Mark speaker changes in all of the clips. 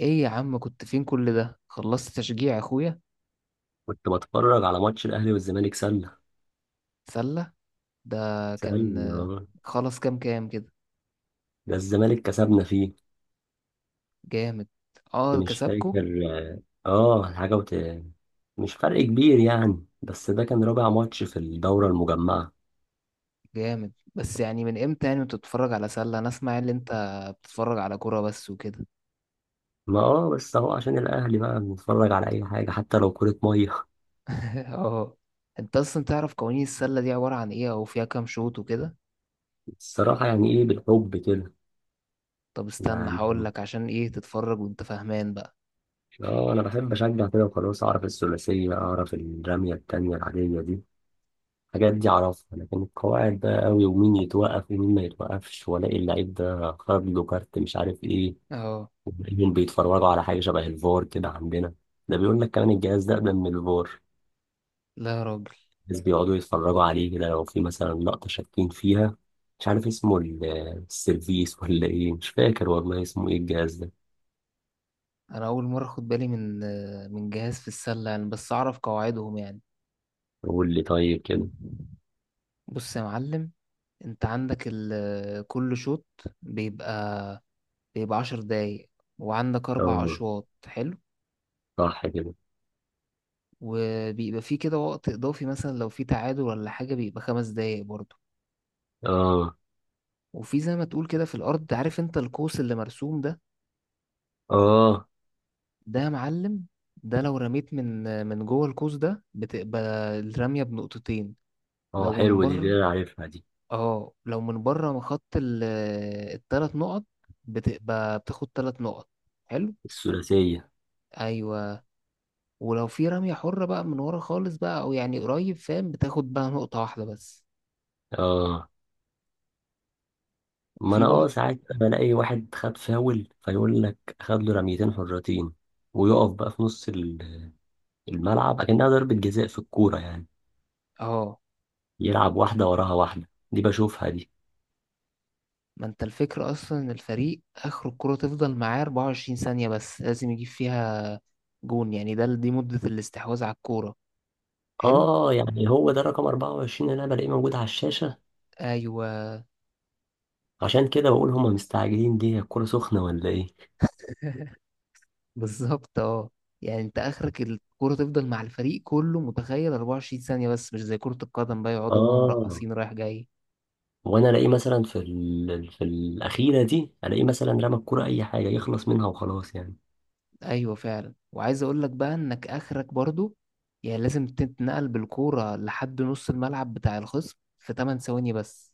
Speaker 1: ايه يا عم؟ كنت فين كل ده؟ خلصت تشجيع اخويا؟
Speaker 2: كنت بتفرج على ماتش الأهلي والزمالك سلة.
Speaker 1: سلة؟ ده كان
Speaker 2: سلة، آه.
Speaker 1: خلص كام كام كده؟
Speaker 2: ده الزمالك كسبنا فيه،
Speaker 1: جامد.
Speaker 2: بس
Speaker 1: اه،
Speaker 2: مش
Speaker 1: كسبكو؟
Speaker 2: فاكر. اه، حاجة مش فرق كبير يعني، بس ده كان رابع ماتش في الدورة المجمعة.
Speaker 1: جامد. بس يعني من امتى يعني انت بتتفرج على سلة؟ انا اسمع ان انت بتتفرج على كورة بس وكده.
Speaker 2: ما بس اهو عشان الأهلي بقى بنتفرج على أي حاجة، حتى لو كرة مية.
Speaker 1: اه. انت اصلا تعرف قوانين السلة دي عبارة عن ايه، او فيها كام شوط وكده؟
Speaker 2: الصراحة يعني ايه، بالحب كده
Speaker 1: طب استنى هقول
Speaker 2: يعني.
Speaker 1: لك عشان ايه تتفرج وانت فاهمان بقى.
Speaker 2: اه، أنا بحب أشجع كده وخلاص، أعرف الثلاثية، أعرف الرمية التانية العادية دي. الحاجات دي أعرفها، لكن القواعد بقى أوي ومين يتوقف ومين ما يتوقفش، وألاقي اللعيب ده خد له كارت مش عارف إيه.
Speaker 1: اه.
Speaker 2: وتلاقيهم بيتفرجوا على حاجة شبه الفار كده عندنا. ده بيقول لك كمان الجهاز ده أقدم من الفار.
Speaker 1: لا يا راجل،
Speaker 2: الناس بيقعدوا يتفرجوا عليه كده لو في مثلا لقطة شاكين فيها. مش عارف اسمه السيرفيس ولا إيه، مش فاكر والله اسمه إيه الجهاز ده.
Speaker 1: انا اول مرة اخد بالي من من جهاز في السلة يعني، بس اعرف قواعدهم يعني.
Speaker 2: قول لي طيب كده.
Speaker 1: بص يا معلم، انت عندك كل شوط بيبقى بيبقى عشر دقايق، وعندك اربع
Speaker 2: آه.
Speaker 1: اشواط. حلو.
Speaker 2: صح كده.
Speaker 1: وبيبقى فيه كده وقت اضافي مثلا لو في تعادل ولا حاجة، بيبقى خمس دقايق برضه.
Speaker 2: آه.
Speaker 1: وفي زي ما تقول كده في الارض، عارف انت القوس اللي مرسوم ده؟
Speaker 2: آه.
Speaker 1: ده يا معلم، ده لو رميت من جوه القوس ده بتبقى الرمية بنقطتين.
Speaker 2: آه،
Speaker 1: لو من
Speaker 2: حلوة دي
Speaker 1: بره،
Speaker 2: أنا عارفها دي،
Speaker 1: اه، لو من بره من خط التلات نقط، بتبقى بتاخد تلات نقط. حلو.
Speaker 2: الثلاثية.
Speaker 1: ايوه. ولو في رمية حرة بقى من ورا خالص بقى أو يعني قريب فاهم، بتاخد بقى نقطة واحدة بس.
Speaker 2: اه، ما
Speaker 1: وفي
Speaker 2: انا
Speaker 1: برضه،
Speaker 2: ساعات بلاقي واحد خد فاول، فيقول لك خد له رميتين حرتين، ويقف بقى في نص الملعب، اكنها ضربة جزاء في الكورة يعني.
Speaker 1: اه.
Speaker 2: يلعب واحدة وراها واحدة، دي بشوفها دي.
Speaker 1: ما انت الفكرة أصلا إن الفريق آخر الكرة تفضل معاه 24 ثانية بس، لازم يجيب فيها جون يعني. ده دي مدة الاستحواذ على الكورة. حلو.
Speaker 2: اه، يعني هو ده رقم 24 اللي انا بلاقيه موجود على الشاشة.
Speaker 1: أيوه.
Speaker 2: عشان كده بقول هما مستعجلين، دي هي الكورة سخنة ولا ايه؟
Speaker 1: بالظبط، اه. يعني انت آخرك الكرة تفضل مع الفريق كله متخيل 24 ثانية بس، مش زي كرة القدم بقى يقعدوا بقى
Speaker 2: اه.
Speaker 1: مرقصين رايح جاي.
Speaker 2: وانا الاقيه مثلا في الاخيرة دي، الاقيه مثلا رمى الكورة اي حاجة يخلص منها وخلاص يعني.
Speaker 1: ايوه فعلا. وعايز اقول لك بقى انك اخرك برضو، يعني لازم تتنقل بالكوره لحد نص الملعب بتاع الخصم في 8 ثواني بس.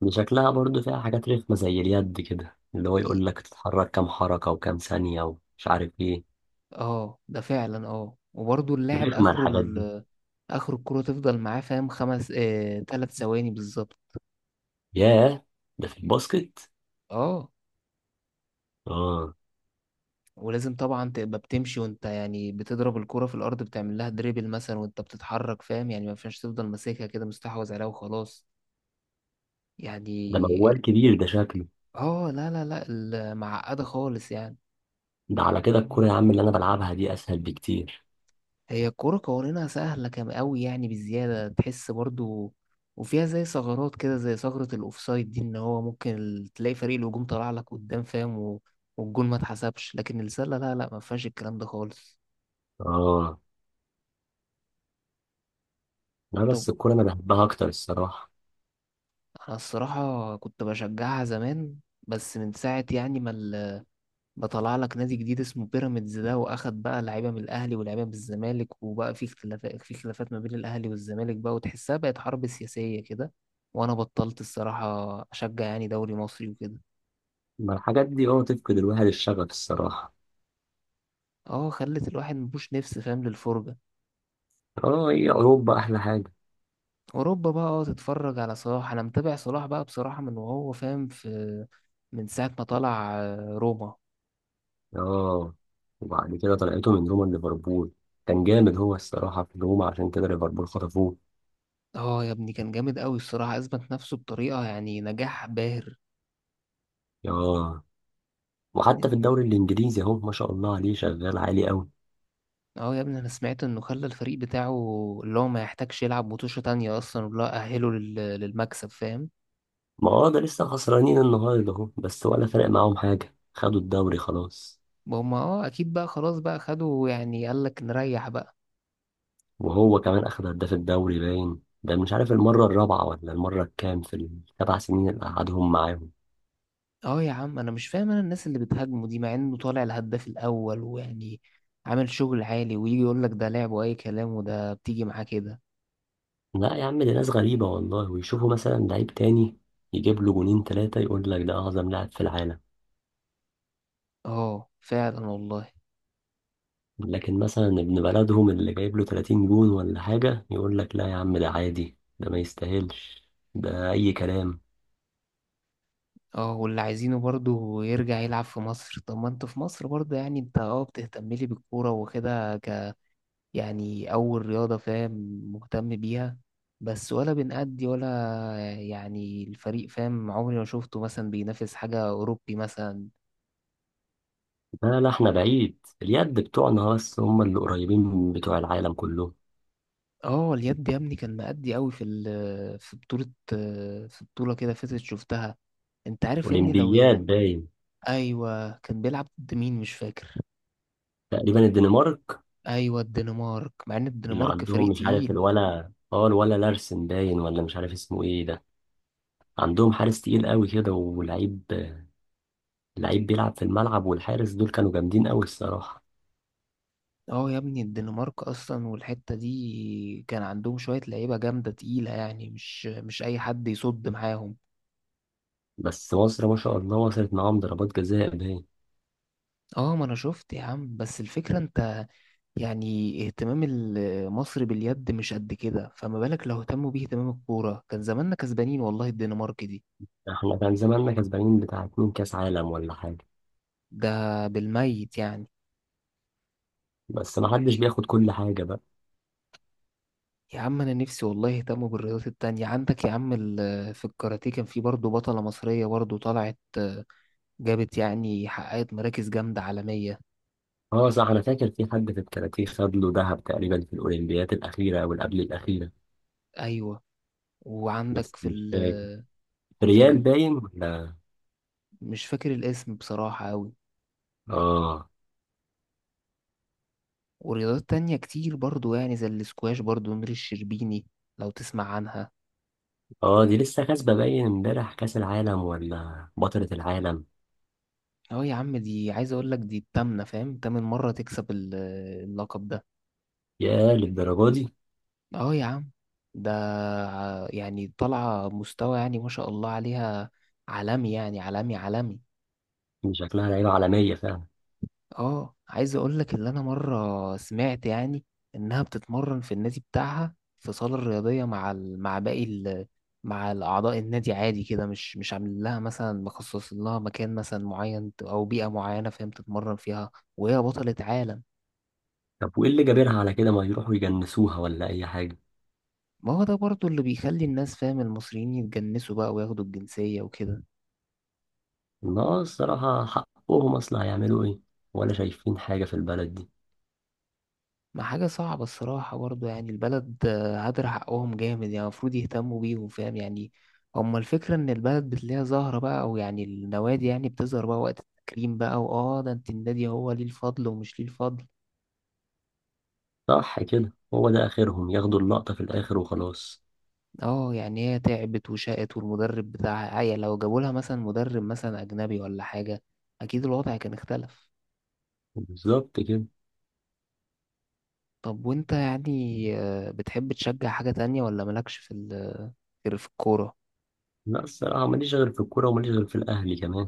Speaker 2: دي شكلها برضو فيها حاجات رخمة زي اليد كده، اللي هو
Speaker 1: ي-
Speaker 2: يقول لك تتحرك كام حركة وكام ثانية ومش عارف ايه.
Speaker 1: اه، ده فعلا. اه، وبرضو اللاعب
Speaker 2: رخمة
Speaker 1: اخره
Speaker 2: الحاجات دي.
Speaker 1: اخر الكوره تفضل معاه فاهم خمس 3 ثواني بالظبط.
Speaker 2: ياه، ده في الباسكت؟
Speaker 1: اه.
Speaker 2: اه.
Speaker 1: ولازم طبعا تبقى بتمشي وانت يعني بتضرب الكوره في الارض، بتعمل لها دريبل مثلا وانت بتتحرك فاهم. يعني ما ينفعش تفضل ماسكها كده مستحوذ عليها وخلاص
Speaker 2: ده
Speaker 1: يعني.
Speaker 2: موال كبير ده شكله.
Speaker 1: اه. لا معقده خالص يعني.
Speaker 2: ده على كده الكورة يا عم اللي انا بلعبها دي اسهل بكتير.
Speaker 1: هي الكورة قوانينها سهلة كم أوي يعني، بالزيادة تحس برضو. وفيها زي ثغرات كده زي ثغرة الأوفسايد دي، إن هو ممكن تلاقي فريق الهجوم طلع لك قدام فاهم والجون ما اتحسبش. لكن السلة لا لا، ما فيهاش الكلام ده خالص.
Speaker 2: اه. لا،
Speaker 1: طب.
Speaker 2: بس الكورة انا بحبها اكتر الصراحة.
Speaker 1: أنا الصراحة كنت بشجعها زمان، بس من ساعة يعني ما ده طلع لك نادي جديد اسمه بيراميدز ده، واخد بقى لعيبه من الاهلي ولاعيبه من الزمالك، وبقى في اختلافات، في خلافات ما بين الاهلي والزمالك بقى، وتحسها بقت حرب سياسيه كده، وانا بطلت الصراحه اشجع يعني دوري مصري وكده.
Speaker 2: ما الحاجات دي اه تفقد الواحد الشغف الصراحة.
Speaker 1: اه، خلت الواحد مبوش نفس فاهم للفرجه.
Speaker 2: اه، هي اوروبا احلى حاجة.
Speaker 1: اوروبا بقى، اه، تتفرج على صلاح. انا متابع صلاح بقى بصراحه من وهو فاهم في، من ساعه ما طلع روما.
Speaker 2: اه، وبعد كده طلعته من روما ليفربول. كان جامد هو الصراحة في روما، عشان كده ليفربول خطفوه.
Speaker 1: اه يا ابني، كان جامد قوي الصراحه، اثبت نفسه بطريقه يعني نجاح باهر.
Speaker 2: اه. وحتى في الدوري الانجليزي اهو، ما شاء الله عليه، شغال عالي قوي.
Speaker 1: اه يا ابني انا سمعت انه خلى الفريق بتاعه اللي هو ما يحتاجش يلعب متوشة تانية اصلا ولا اهله للمكسب فاهم.
Speaker 2: ما هو ده لسه خسرانين النهارده اهو، بس ولا فرق معاهم حاجه، خدوا الدوري خلاص.
Speaker 1: هما اه اكيد بقى، خلاص بقى خدوا، يعني قال لك نريح بقى.
Speaker 2: وهو كمان اخد هداف الدوري باين، ده مش عارف المره الرابعه ولا المره الكام في السبع سنين اللي قعدهم معاهم.
Speaker 1: اه يا عم انا مش فاهم، انا الناس اللي بتهاجمه دي مع انه طالع الهداف الاول ويعني عامل شغل عالي، ويجي يقول لك ده لعب واي كلام، وده بتيجي معاه كده.
Speaker 2: لا يا عم، دي ناس غريبه والله. ويشوفوا مثلا لعيب تاني يجيب له جونين ثلاثه، يقول لك ده اعظم لاعب في العالم.
Speaker 1: اه فعلا والله.
Speaker 2: لكن مثلا ابن بلدهم اللي جايب له 30 جون ولا حاجه، يقول لك لا يا عم ده عادي، ده ما يستاهلش، ده اي كلام.
Speaker 1: اه، واللي عايزينه برضه يرجع يلعب في مصر. طب ما انت في مصر برضه يعني، انت اه بتهتم لي بالكورة وكده، يعني أول رياضة فاهم مهتم بيها، بس ولا بنأدي ولا، يعني الفريق فاهم عمري ما شفته مثلا بينافس حاجة أوروبي مثلا.
Speaker 2: لا لا، احنا بعيد، اليد بتوعنا بس هم اللي قريبين بتوع العالم كله.
Speaker 1: اه، اليد يا ابني كان مأدي قوي في في بطولة، في بطولة كده فاتت شفتها. انت عارف يا ابني لو ايه.
Speaker 2: اولمبياد باين.
Speaker 1: ايوه كان بيلعب ضد مين مش فاكر.
Speaker 2: تقريبا الدنمارك.
Speaker 1: ايوه الدنمارك، مع ان
Speaker 2: اللي
Speaker 1: الدنمارك
Speaker 2: عندهم
Speaker 1: فريق
Speaker 2: مش عارف
Speaker 1: تقيل.
Speaker 2: الولا لارسن باين، ولا مش عارف اسمه ايه ده. عندهم حارس تقيل قوي كده ولعيب، لعيب بيلعب في الملعب، والحارس دول كانوا جامدين قوي الصراحة.
Speaker 1: اه يا ابني الدنمارك اصلا والحتة دي كان عندهم شوية لعيبة جامدة تقيلة، يعني مش اي حد يصد معاهم.
Speaker 2: بس مصر ما شاء الله وصلت معاهم ضربات جزاء باين.
Speaker 1: اه ما انا شفت يا عم، بس الفكرة انت يعني اهتمام مصر باليد مش قد كده، فما بالك لو اهتموا بيه اهتمام الكورة؟ كان زماننا كسبانين والله الدنمارك دي.
Speaker 2: احنا كان زماننا كسبانين بتاع اتنين كاس عالم ولا حاجة.
Speaker 1: ده بالميت يعني.
Speaker 2: بس ما حدش بياخد كل حاجة بقى.
Speaker 1: يا عم انا نفسي والله يهتموا بالرياضات التانية. عندك يا عم في الكاراتيه كان في برضه بطلة مصرية برضه طلعت، جابت يعني حققت مراكز جامدة عالمية.
Speaker 2: اه صح، انا فاكر في حد في الكاراتيه خد له ذهب تقريبا في الاولمبيات الاخيره او اللي قبل الاخيره.
Speaker 1: ايوه، وعندك
Speaker 2: بس
Speaker 1: في
Speaker 2: مش
Speaker 1: ال
Speaker 2: فاكر،
Speaker 1: في
Speaker 2: ريال
Speaker 1: ال
Speaker 2: باين ولا.
Speaker 1: مش فاكر الاسم بصراحة أوي.
Speaker 2: اه.
Speaker 1: ورياضات تانية كتير برضو يعني، زي الاسكواش برضو نور الشربيني لو تسمع عنها.
Speaker 2: اه، دي لسه كاسبه باين امبارح كاس العالم، ولا بطله العالم.
Speaker 1: اه يا عم، دي عايز اقول لك دي التامنة فاهم، تامن مرة تكسب اللقب ده.
Speaker 2: يا، للدرجه دي.
Speaker 1: اه يا عم. ده يعني طالعة مستوى يعني ما شاء الله عليها، عالمي يعني، عالمي.
Speaker 2: دي شكلها لعيبه عالميه فعلا.
Speaker 1: اه، عايز اقول لك اللي انا مره سمعت، يعني انها بتتمرن في النادي بتاعها في صاله رياضيه مع مع باقي مع الاعضاء النادي عادي كده، مش عامل لها مثلا مخصص لها مكان مثلا معين، او بيئه معينه فاهم تتمرن فيها، وهي بطله عالم.
Speaker 2: طب وايه اللي جابرها على كده، ما يروحوا يجنسوها ولا اي حاجه.
Speaker 1: ما هو ده برضو اللي بيخلي الناس فاهم المصريين يتجنسوا بقى وياخدوا الجنسيه وكده.
Speaker 2: لا، الصراحه حقهم اصلا، هيعملوا ايه ولا شايفين حاجه في البلد دي.
Speaker 1: ما حاجة صعبة الصراحة برضو يعني، البلد هدر حقهم جامد يعني، المفروض يهتموا بيهم فاهم يعني. هما الفكرة إن البلد بتلاقيها زهرة بقى، أو يعني النوادي يعني بتظهر بقى وقت التكريم بقى، وآه ده أنت النادي هو ليه الفضل ومش ليه الفضل.
Speaker 2: صح كده، هو ده اخرهم ياخدوا اللقطه في الاخر وخلاص.
Speaker 1: آه يعني هي تعبت وشقت، والمدرب بتاعها عيا. لو جابوا لها مثلا مدرب مثلا أجنبي ولا حاجة أكيد الوضع كان اختلف.
Speaker 2: بالظبط كده.
Speaker 1: طب وأنت يعني بتحب تشجع حاجة تانية، ولا مالكش في غير في الكورة؟
Speaker 2: لا، الصراحة ماليش غير في الكورة، وماليش غير في الأهلي كمان.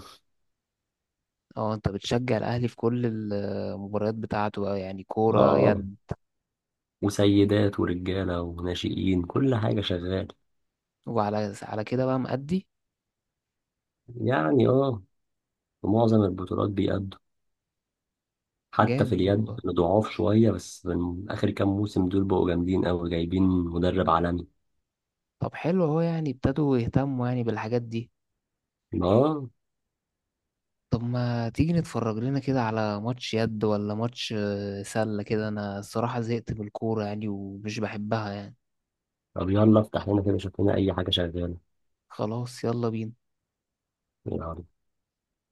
Speaker 1: اه، انت بتشجع الاهلي في كل المباريات بتاعته بقى يعني كورة
Speaker 2: اه،
Speaker 1: يد.
Speaker 2: وسيدات ورجالة وناشئين، كل حاجة شغال.
Speaker 1: وعلى كده بقى مأدي.
Speaker 2: يعني اه، في معظم البطولات بيأدوا. حتى في
Speaker 1: جامد
Speaker 2: اليد
Speaker 1: والله.
Speaker 2: أنا ضعاف شوية، بس من آخر كام موسم دول بقوا جامدين أوي، جايبين مدرب عالمي.
Speaker 1: طب حلو اهو، يعني ابتدوا يهتموا يعني بالحاجات دي.
Speaker 2: اه.
Speaker 1: طب ما تيجي نتفرج لنا كده على ماتش يد ولا ماتش سلة كده؟ انا الصراحة زهقت من الكورة يعني ومش بحبها يعني.
Speaker 2: طب يلا افتح لنا كده، شوف لنا أي حاجة شغالة.
Speaker 1: خلاص، يلا بينا.
Speaker 2: يلا.